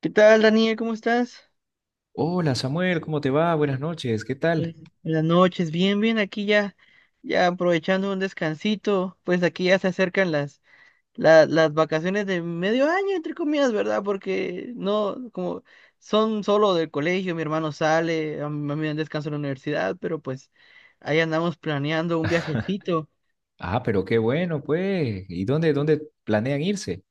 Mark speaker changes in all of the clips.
Speaker 1: ¿Qué tal, Daniel? ¿Cómo estás?
Speaker 2: Hola Samuel, ¿cómo te va? Buenas noches, ¿qué
Speaker 1: Buenas
Speaker 2: tal?
Speaker 1: buenas noches, bien, bien, aquí ya aprovechando un descansito, pues aquí ya se acercan las vacaciones de medio año, entre comillas, ¿verdad? Porque no, como son solo del colegio, mi hermano sale, a mí me dan descanso en la universidad, pero pues ahí andamos planeando un viajecito.
Speaker 2: Ah, pero qué bueno, pues. ¿Y dónde planean irse?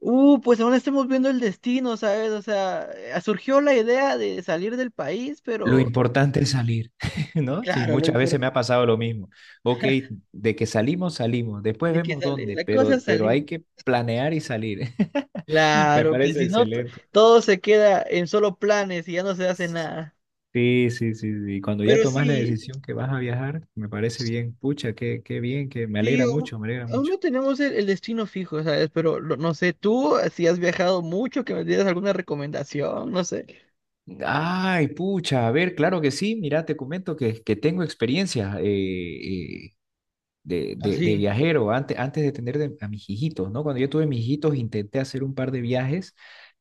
Speaker 1: Pues aún estamos viendo el destino, ¿sabes? O sea, surgió la idea de salir del país,
Speaker 2: Lo
Speaker 1: pero
Speaker 2: importante es salir, ¿no? Sí,
Speaker 1: claro, lo
Speaker 2: muchas veces me
Speaker 1: importante
Speaker 2: ha pasado lo mismo. Ok, de que salimos, salimos, después
Speaker 1: de que
Speaker 2: vemos
Speaker 1: sale,
Speaker 2: dónde,
Speaker 1: la cosa
Speaker 2: pero,
Speaker 1: es
Speaker 2: pero hay
Speaker 1: salir.
Speaker 2: que planear y salir. Me
Speaker 1: Claro, que
Speaker 2: parece
Speaker 1: si no,
Speaker 2: excelente.
Speaker 1: todo se queda en solo planes y ya no se hace nada.
Speaker 2: Sí, sí, sí, sí. Cuando ya
Speaker 1: Pero
Speaker 2: tomas la
Speaker 1: sí,
Speaker 2: decisión que vas a viajar, me parece bien. Pucha, qué bien, que me
Speaker 1: sí,
Speaker 2: alegra
Speaker 1: aún,
Speaker 2: mucho, me alegra
Speaker 1: aún
Speaker 2: mucho.
Speaker 1: no tenemos el destino fijo, ¿sabes? Pero no sé, tú, si has viajado mucho, que me dieras alguna recomendación, no sé.
Speaker 2: Ay, pucha, a ver, claro que sí, mira, te comento que tengo experiencia de
Speaker 1: Así.
Speaker 2: viajero antes de tener a mis hijitos, ¿no? Cuando yo tuve mis hijitos intenté hacer un par de viajes,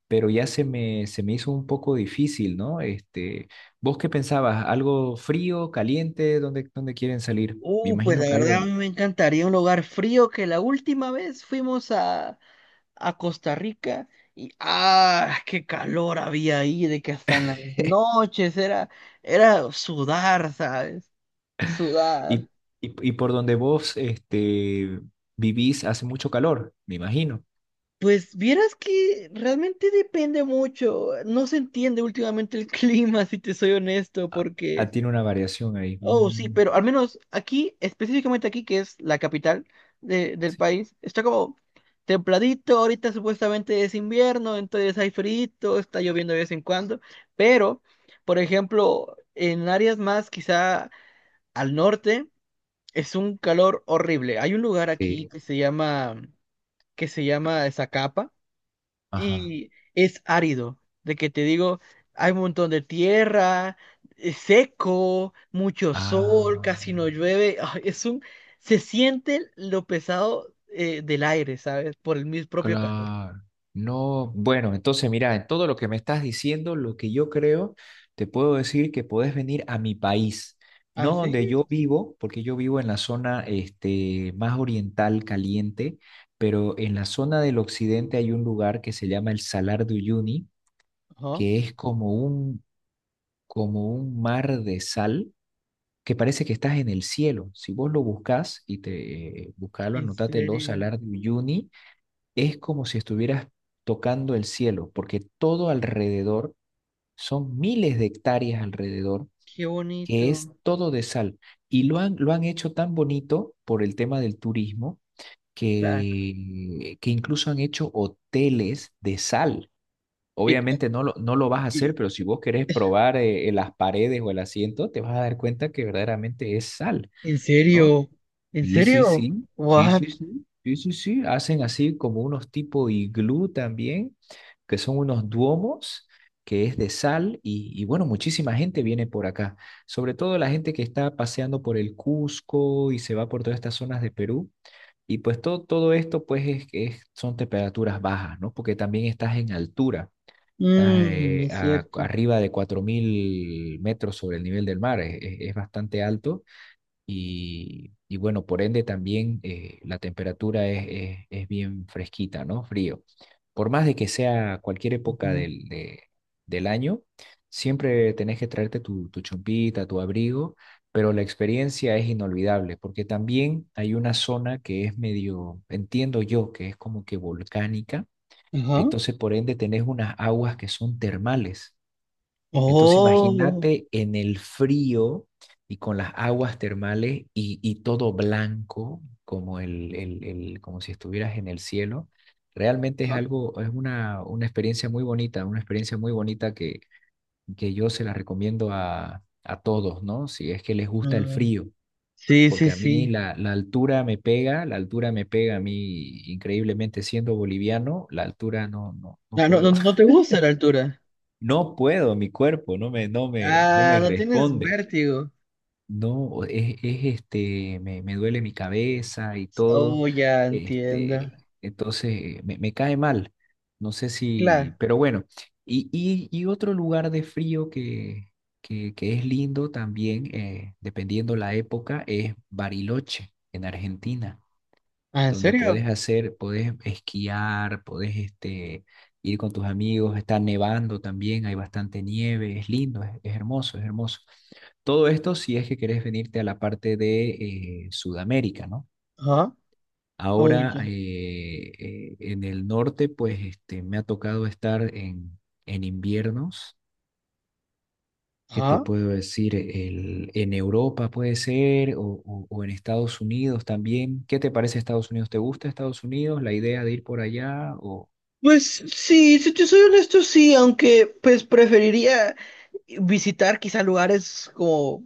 Speaker 2: pero ya se me hizo un poco difícil, ¿no? Este, ¿vos qué pensabas? ¿Algo frío, caliente? ¿Dónde quieren salir? Me
Speaker 1: Pues
Speaker 2: imagino
Speaker 1: la
Speaker 2: que
Speaker 1: verdad a
Speaker 2: algo.
Speaker 1: mí me encantaría un lugar frío que la última vez fuimos a Costa Rica y ¡ah! ¡Qué calor había ahí! De que hasta en las noches era sudar, ¿sabes? Sudar.
Speaker 2: Y, y por donde vos este, vivís hace mucho calor, me imagino.
Speaker 1: Pues vieras que realmente depende mucho. No se entiende últimamente el clima, si te soy honesto,
Speaker 2: Ah, ah,
Speaker 1: porque,
Speaker 2: tiene una variación ahí.
Speaker 1: oh, sí,
Speaker 2: Mm,
Speaker 1: pero al menos aquí, específicamente aquí, que es la capital del
Speaker 2: sí.
Speaker 1: país, está como templadito. Ahorita supuestamente es invierno, entonces hay frío, está lloviendo de vez en cuando. Pero, por ejemplo, en áreas más quizá al norte, es un calor horrible. Hay un lugar aquí
Speaker 2: Sí.
Speaker 1: que se llama Zacapa
Speaker 2: Ajá.
Speaker 1: y es árido, de que te digo, hay un montón de tierra, es seco, mucho sol,
Speaker 2: Ah,
Speaker 1: casi no llueve, ah, es un, se siente lo pesado del aire, ¿sabes? Por el mis propio calor.
Speaker 2: claro. No, bueno, entonces mira, en todo lo que me estás diciendo, lo que yo creo, te puedo decir que podés venir a mi país,
Speaker 1: ¿Ah,
Speaker 2: no
Speaker 1: sí?
Speaker 2: donde yo vivo, porque yo vivo en la zona este, más oriental, caliente, pero en la zona del occidente hay un lugar que se llama el Salar de Uyuni,
Speaker 1: Ajá.
Speaker 2: que es como un, mar de sal que parece que estás en el cielo. Si vos lo buscás y te buscalo,
Speaker 1: En
Speaker 2: anótatelo,
Speaker 1: serio,
Speaker 2: Salar de Uyuni es como si estuvieras tocando el cielo, porque todo alrededor, son miles de hectáreas alrededor,
Speaker 1: qué
Speaker 2: que es
Speaker 1: bonito.
Speaker 2: todo de sal. Y lo han hecho tan bonito por el tema del turismo
Speaker 1: Ta-
Speaker 2: que incluso han hecho hoteles de sal.
Speaker 1: e-
Speaker 2: Obviamente no lo vas a hacer,
Speaker 1: e-
Speaker 2: pero si vos querés probar las paredes o el asiento, te vas a dar cuenta que verdaderamente es sal,
Speaker 1: ¿En
Speaker 2: ¿no?
Speaker 1: serio? ¿En
Speaker 2: Sí, sí,
Speaker 1: serio?
Speaker 2: sí, sí,
Speaker 1: What?
Speaker 2: sí, sí, sí, sí, sí. Hacen así como unos tipo iglú también, que son unos duomos, que es de sal, y bueno, muchísima gente viene por acá, sobre todo la gente que está paseando por el Cusco y se va por todas estas zonas de Perú, y pues todo esto pues es, son temperaturas bajas, ¿no? Porque también estás en altura, estás
Speaker 1: Mm, es cierto.
Speaker 2: arriba de 4.000 metros sobre el nivel del mar, es es bastante alto y bueno, por ende también la temperatura es, es bien fresquita, ¿no? Frío. Por más de que sea cualquier época
Speaker 1: Ujú.
Speaker 2: del año, siempre tenés que traerte tu, chumpita, tu abrigo, pero la experiencia es inolvidable, porque también hay una zona que es medio, entiendo yo, que es como que volcánica,
Speaker 1: Ajá.
Speaker 2: entonces por ende tenés unas aguas que son termales. Entonces
Speaker 1: Oh.
Speaker 2: imagínate en el frío y con las aguas termales y todo blanco, como, como si estuvieras en el cielo. Realmente es
Speaker 1: Ajá.
Speaker 2: algo, es una experiencia muy bonita, una experiencia muy bonita que yo se la recomiendo a todos, ¿no? Si es que les gusta el
Speaker 1: Ah,
Speaker 2: frío,
Speaker 1: sí, sí,
Speaker 2: porque a mí
Speaker 1: sí.
Speaker 2: la altura me pega, la altura me pega a mí increíblemente siendo boliviano, la altura no, no, no
Speaker 1: Ah, no,
Speaker 2: puedo.
Speaker 1: no, no te gusta la altura.
Speaker 2: No puedo, mi cuerpo no me, no me, no
Speaker 1: Ah,
Speaker 2: me
Speaker 1: no tienes
Speaker 2: responde.
Speaker 1: vértigo.
Speaker 2: No, este, me duele mi cabeza y todo,
Speaker 1: Oh, ya entiendo.
Speaker 2: este, entonces me cae mal, no sé
Speaker 1: Claro.
Speaker 2: si, pero bueno, y otro lugar de frío que es lindo también, dependiendo la época, es Bariloche, en Argentina
Speaker 1: Ah, ¿en
Speaker 2: donde
Speaker 1: serio?
Speaker 2: podés hacer, podés esquiar, podés este, ir con tus amigos, está nevando también, hay bastante nieve, es lindo, es hermoso, es hermoso. Todo esto si es que querés venirte a la parte de Sudamérica, ¿no?
Speaker 1: Ajá.
Speaker 2: Ahora
Speaker 1: Oye.
Speaker 2: en el norte, pues este, me ha tocado estar en inviernos. ¿Qué te
Speaker 1: Ajá.
Speaker 2: puedo decir? En Europa puede ser o en Estados Unidos también. ¿Qué te parece Estados Unidos? ¿Te gusta Estados Unidos? ¿La idea de ir por allá? O.
Speaker 1: Pues sí, si te soy honesto, sí, aunque pues preferiría visitar quizá lugares como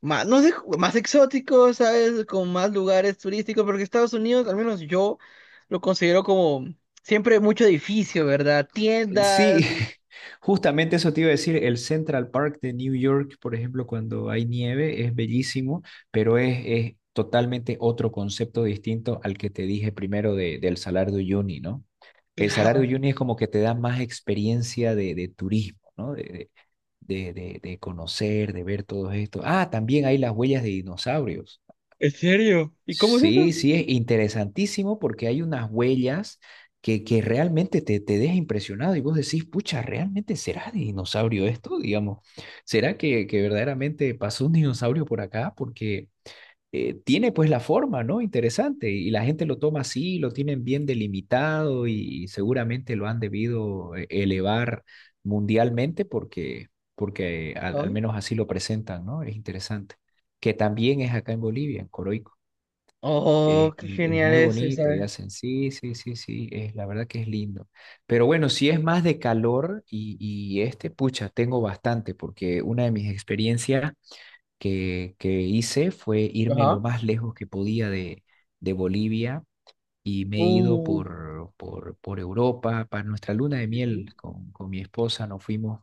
Speaker 1: más, no sé, más exóticos, ¿sabes? Con más lugares turísticos, porque Estados Unidos, al menos yo, lo considero como siempre mucho edificio, ¿verdad?
Speaker 2: Sí,
Speaker 1: Tiendas.
Speaker 2: justamente eso te iba a decir. El Central Park de New York, por ejemplo, cuando hay nieve, es bellísimo, pero es, totalmente otro concepto distinto al que te dije primero del Salar de Uyuni, ¿no? El salario
Speaker 1: Claro.
Speaker 2: junior es como que te da más experiencia de turismo, ¿no? De conocer, de ver todo esto. Ah, también hay las huellas de dinosaurios.
Speaker 1: ¿En serio? ¿Y cómo es eso?
Speaker 2: Sí, sí, es interesantísimo porque hay unas huellas que realmente te deja impresionado y vos decís, pucha, ¿realmente será de dinosaurio esto? Digamos, ¿será que verdaderamente pasó un dinosaurio por acá? Porque tiene pues la forma, ¿no? Interesante. Y la gente lo toma así, lo tienen bien delimitado y seguramente lo han debido elevar mundialmente porque al menos así lo presentan, ¿no? Es interesante. Que también es acá en Bolivia, en Coroico. Es,
Speaker 1: Oh, qué
Speaker 2: es- es
Speaker 1: genial
Speaker 2: muy
Speaker 1: eso,
Speaker 2: bonito y
Speaker 1: ¿sabes?
Speaker 2: hacen, sí, sí, sí, sí, es, la verdad que es lindo. Pero bueno, si es más de calor y este, pucha, tengo bastante porque una de mis experiencias que hice fue irme
Speaker 1: Ajá.
Speaker 2: lo más lejos que podía de Bolivia y me he ido
Speaker 1: Uh,
Speaker 2: por Europa, para nuestra luna de
Speaker 1: Ujú.
Speaker 2: miel con mi esposa, nos fuimos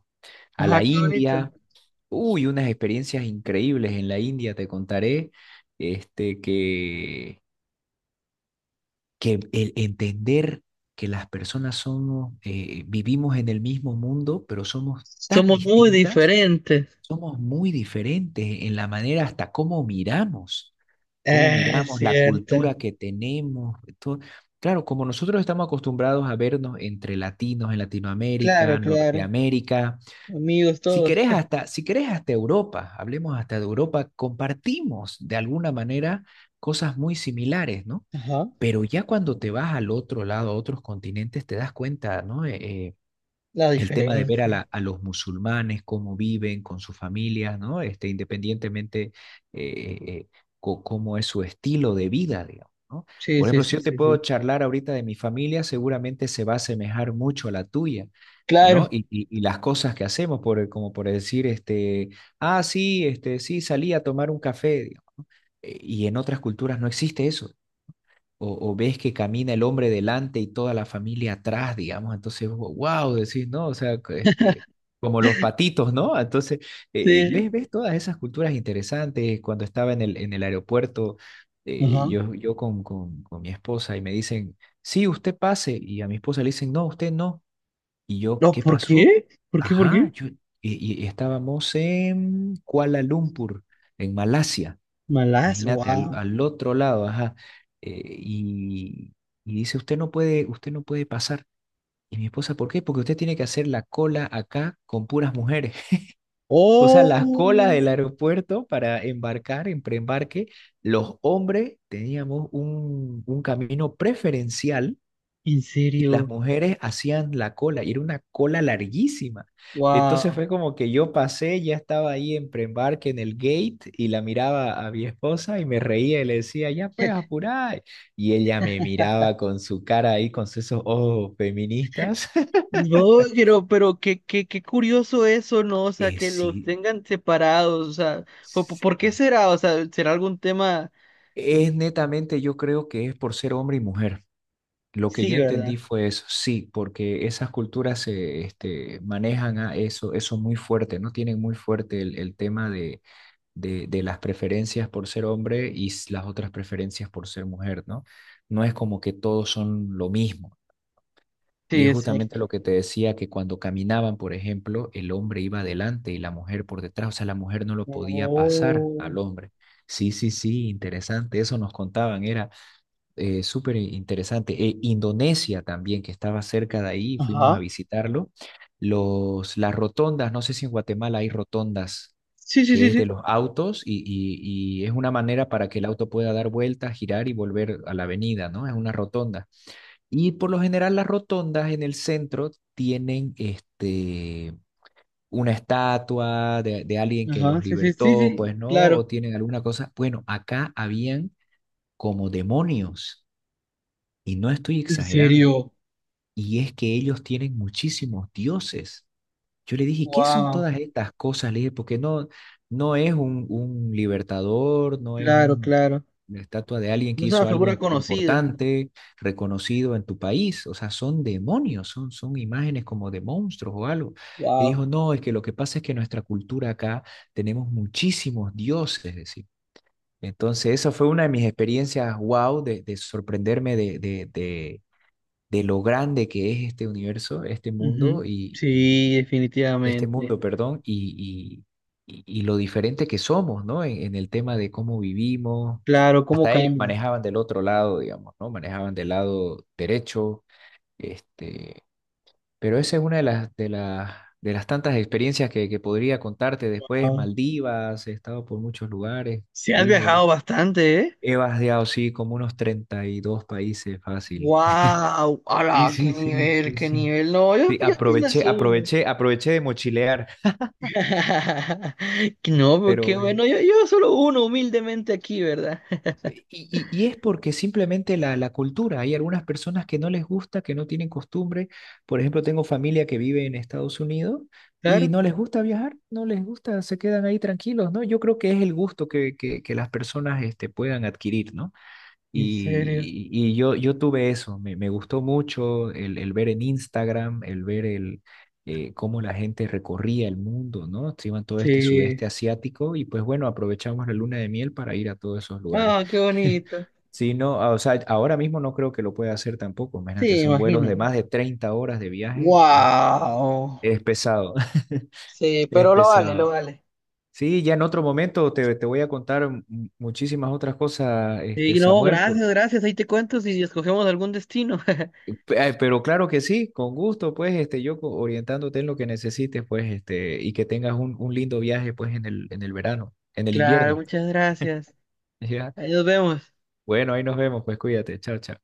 Speaker 2: a la
Speaker 1: Ajá, qué bonito.
Speaker 2: India. Uy, unas experiencias increíbles en la India, te contaré, este, que el entender que las personas somos, vivimos en el mismo mundo, pero somos tan
Speaker 1: Somos muy
Speaker 2: distintas,
Speaker 1: diferentes.
Speaker 2: somos muy diferentes en la manera hasta cómo
Speaker 1: Es
Speaker 2: miramos la
Speaker 1: cierto.
Speaker 2: cultura que tenemos. Todo. Claro, como nosotros estamos acostumbrados a vernos entre latinos en Latinoamérica,
Speaker 1: Claro, claro.
Speaker 2: Norteamérica,
Speaker 1: Amigos
Speaker 2: si
Speaker 1: todos.
Speaker 2: querés hasta, si querés hasta Europa, hablemos hasta de Europa, compartimos de alguna manera cosas muy similares, ¿no?
Speaker 1: Ajá.
Speaker 2: Pero ya cuando te vas al otro lado, a otros continentes, te das cuenta, ¿no?
Speaker 1: La
Speaker 2: El tema de ver a,
Speaker 1: diferencia.
Speaker 2: la- a los musulmanes, cómo viven con sus familias, ¿no? Este, independientemente eh, eh, cómo es su estilo de vida, digamos, ¿no?
Speaker 1: Sí,
Speaker 2: Por
Speaker 1: sí,
Speaker 2: ejemplo, si
Speaker 1: sí,
Speaker 2: yo te
Speaker 1: sí,
Speaker 2: puedo
Speaker 1: sí.
Speaker 2: charlar ahorita de mi familia, seguramente se va a asemejar mucho a la tuya, ¿no?
Speaker 1: Claro.
Speaker 2: Y las cosas que hacemos, como por decir, este, ah, sí, este, sí, salí a tomar un café. Digamos. Y en otras culturas no existe eso o ves que camina el hombre delante y toda la familia atrás, digamos, entonces, wow, decís, ¿no? O sea, que, este, como los patitos, ¿no? Entonces, ves,
Speaker 1: Sí.
Speaker 2: ves todas esas culturas interesantes. Cuando estaba en el, aeropuerto,
Speaker 1: Ajá.
Speaker 2: yo con mi esposa y me dicen, sí, usted pase, y a mi esposa le dicen, no, usted no. Y yo,
Speaker 1: No,
Speaker 2: ¿qué
Speaker 1: ¿por
Speaker 2: pasó?
Speaker 1: qué? ¿Por qué? ¿Por
Speaker 2: Ajá,
Speaker 1: qué?
Speaker 2: y estábamos en Kuala Lumpur, en Malasia.
Speaker 1: Malas.
Speaker 2: Imagínate, al,
Speaker 1: Wow.
Speaker 2: al otro lado, ajá. eh, y, y dice, usted no puede pasar. Y mi esposa, ¿por qué? Porque usted tiene que hacer la cola acá con puras mujeres. O sea, las colas
Speaker 1: Oh,
Speaker 2: del aeropuerto para embarcar, en preembarque, los hombres teníamos un, camino preferencial
Speaker 1: en
Speaker 2: y las
Speaker 1: serio.
Speaker 2: mujeres hacían la cola y era una cola larguísima. Entonces
Speaker 1: Wow.
Speaker 2: fue como que yo pasé, ya estaba ahí en preembarque en el gate y la miraba a mi esposa y me reía y le decía, ya puedes apurar. Y ella me miraba con su cara ahí, con esos ojos feministas.
Speaker 1: No, pero qué, qué, qué curioso eso, ¿no? O sea, que los
Speaker 2: Sí,
Speaker 1: tengan separados, o sea, ¿por qué
Speaker 2: sí.
Speaker 1: será? O sea, ¿será algún tema?
Speaker 2: Es netamente, yo creo que es por ser hombre y mujer. Lo que
Speaker 1: Sí,
Speaker 2: yo
Speaker 1: ¿verdad?
Speaker 2: entendí fue eso, sí, porque esas culturas se manejan a eso, muy fuerte, ¿no? Tienen muy fuerte el tema de de las preferencias por ser hombre y las otras preferencias por ser mujer, ¿no? No es como que todos son lo mismo. Y
Speaker 1: Sí,
Speaker 2: es
Speaker 1: es cierto.
Speaker 2: justamente lo que te decía que cuando caminaban, por ejemplo, el hombre iba adelante y la mujer por detrás, o sea, la mujer no lo podía pasar
Speaker 1: Oh.
Speaker 2: al hombre. Sí, sí, sí, interesante, eso nos contaban, era súper interesante. Indonesia también, que estaba cerca de ahí, fuimos a
Speaker 1: Ajá.
Speaker 2: visitarlo. Las rotondas, no sé si en Guatemala hay rotondas
Speaker 1: Sí, sí,
Speaker 2: que
Speaker 1: sí,
Speaker 2: es
Speaker 1: sí.
Speaker 2: de los autos y es una manera para que el auto pueda dar vueltas, girar y volver a la avenida, ¿no? Es una rotonda. Y por lo general las rotondas en el centro tienen este, una estatua de alguien que
Speaker 1: Ajá,
Speaker 2: los
Speaker 1: sí, sí, sí,
Speaker 2: libertó,
Speaker 1: sí,
Speaker 2: pues, ¿no? O
Speaker 1: claro.
Speaker 2: tienen alguna cosa. Bueno, acá habían como demonios y no estoy
Speaker 1: ¿En
Speaker 2: exagerando.
Speaker 1: serio?
Speaker 2: Y es que ellos tienen muchísimos dioses. Yo le dije, ¿qué son
Speaker 1: Wow.
Speaker 2: todas estas cosas? Le dije, porque no es un, libertador, no es
Speaker 1: Claro, claro.
Speaker 2: una estatua de alguien que
Speaker 1: No es una
Speaker 2: hizo algo
Speaker 1: figura conocida.
Speaker 2: importante, reconocido en tu país. O sea, son demonios, son imágenes como de monstruos o algo. Y dijo,
Speaker 1: Wow.
Speaker 2: no, es que lo que pasa es que nuestra cultura acá tenemos muchísimos dioses, decir. Entonces, esa fue una de mis experiencias, wow, de sorprenderme de lo grande que es este universo, este
Speaker 1: Ujú.
Speaker 2: mundo,
Speaker 1: Sí,
Speaker 2: este
Speaker 1: definitivamente.
Speaker 2: mundo, perdón, y lo diferente que somos, ¿no? En el tema de cómo vivimos.
Speaker 1: Claro, ¿cómo
Speaker 2: Hasta ellos
Speaker 1: cambia?
Speaker 2: manejaban del otro lado, digamos, ¿no? Manejaban del lado derecho, este, pero esa es una de las, de las tantas experiencias que podría contarte después.
Speaker 1: Wow.
Speaker 2: Maldivas, he estado por muchos lugares,
Speaker 1: Sí, has
Speaker 2: lindo. Lindo.
Speaker 1: viajado bastante, ¿eh?
Speaker 2: He vadeado, sí, como unos 32 países, fácil.
Speaker 1: Wow,
Speaker 2: Sí,
Speaker 1: ala, qué
Speaker 2: sí, sí,
Speaker 1: nivel,
Speaker 2: sí,
Speaker 1: qué
Speaker 2: sí.
Speaker 1: nivel. No, yo,
Speaker 2: Sí,
Speaker 1: yo apenas
Speaker 2: aproveché,
Speaker 1: uno.
Speaker 2: aproveché, aproveché de mochilear,
Speaker 1: No, pero qué
Speaker 2: pero eh,
Speaker 1: bueno, yo solo uno humildemente aquí, ¿verdad?
Speaker 2: eh, Y, y- y es porque simplemente la, cultura, hay algunas personas que no les gusta, que no tienen costumbre. Por ejemplo, tengo familia que vive en Estados Unidos y
Speaker 1: Claro.
Speaker 2: no les gusta viajar, no les gusta, se quedan ahí tranquilos, ¿no? Yo creo que es el gusto que las personas este, puedan adquirir, ¿no?
Speaker 1: ¿En serio?
Speaker 2: Y yo tuve eso, me gustó mucho el ver en Instagram, el ver cómo la gente recorría el mundo, ¿no? Se iban todo este
Speaker 1: Sí.
Speaker 2: sudeste asiático y pues bueno, aprovechamos la luna de miel para ir a todos esos lugares.
Speaker 1: Ah, qué bonito.
Speaker 2: Sí, no, ah, o sea, ahora mismo no creo que lo pueda hacer tampoco, imagínate,
Speaker 1: Sí,
Speaker 2: son vuelos de
Speaker 1: imagino.
Speaker 2: más de 30 horas de viaje, es,
Speaker 1: Wow.
Speaker 2: es pesado,
Speaker 1: Sí,
Speaker 2: es
Speaker 1: pero lo vale, lo
Speaker 2: pesado.
Speaker 1: vale.
Speaker 2: Sí, ya en otro momento te voy a contar muchísimas otras cosas, este,
Speaker 1: Sí, no,
Speaker 2: Samuel.
Speaker 1: gracias, gracias. Ahí te cuento si escogemos algún destino.
Speaker 2: Pero claro que sí, con gusto, pues, este, orientándote en lo que necesites, pues, este, y que tengas un, lindo viaje, pues, en el verano, en el
Speaker 1: Claro,
Speaker 2: invierno.
Speaker 1: muchas gracias.
Speaker 2: ¿Ya?
Speaker 1: Ahí nos vemos.
Speaker 2: Bueno, ahí nos vemos, pues, cuídate, chao, chao.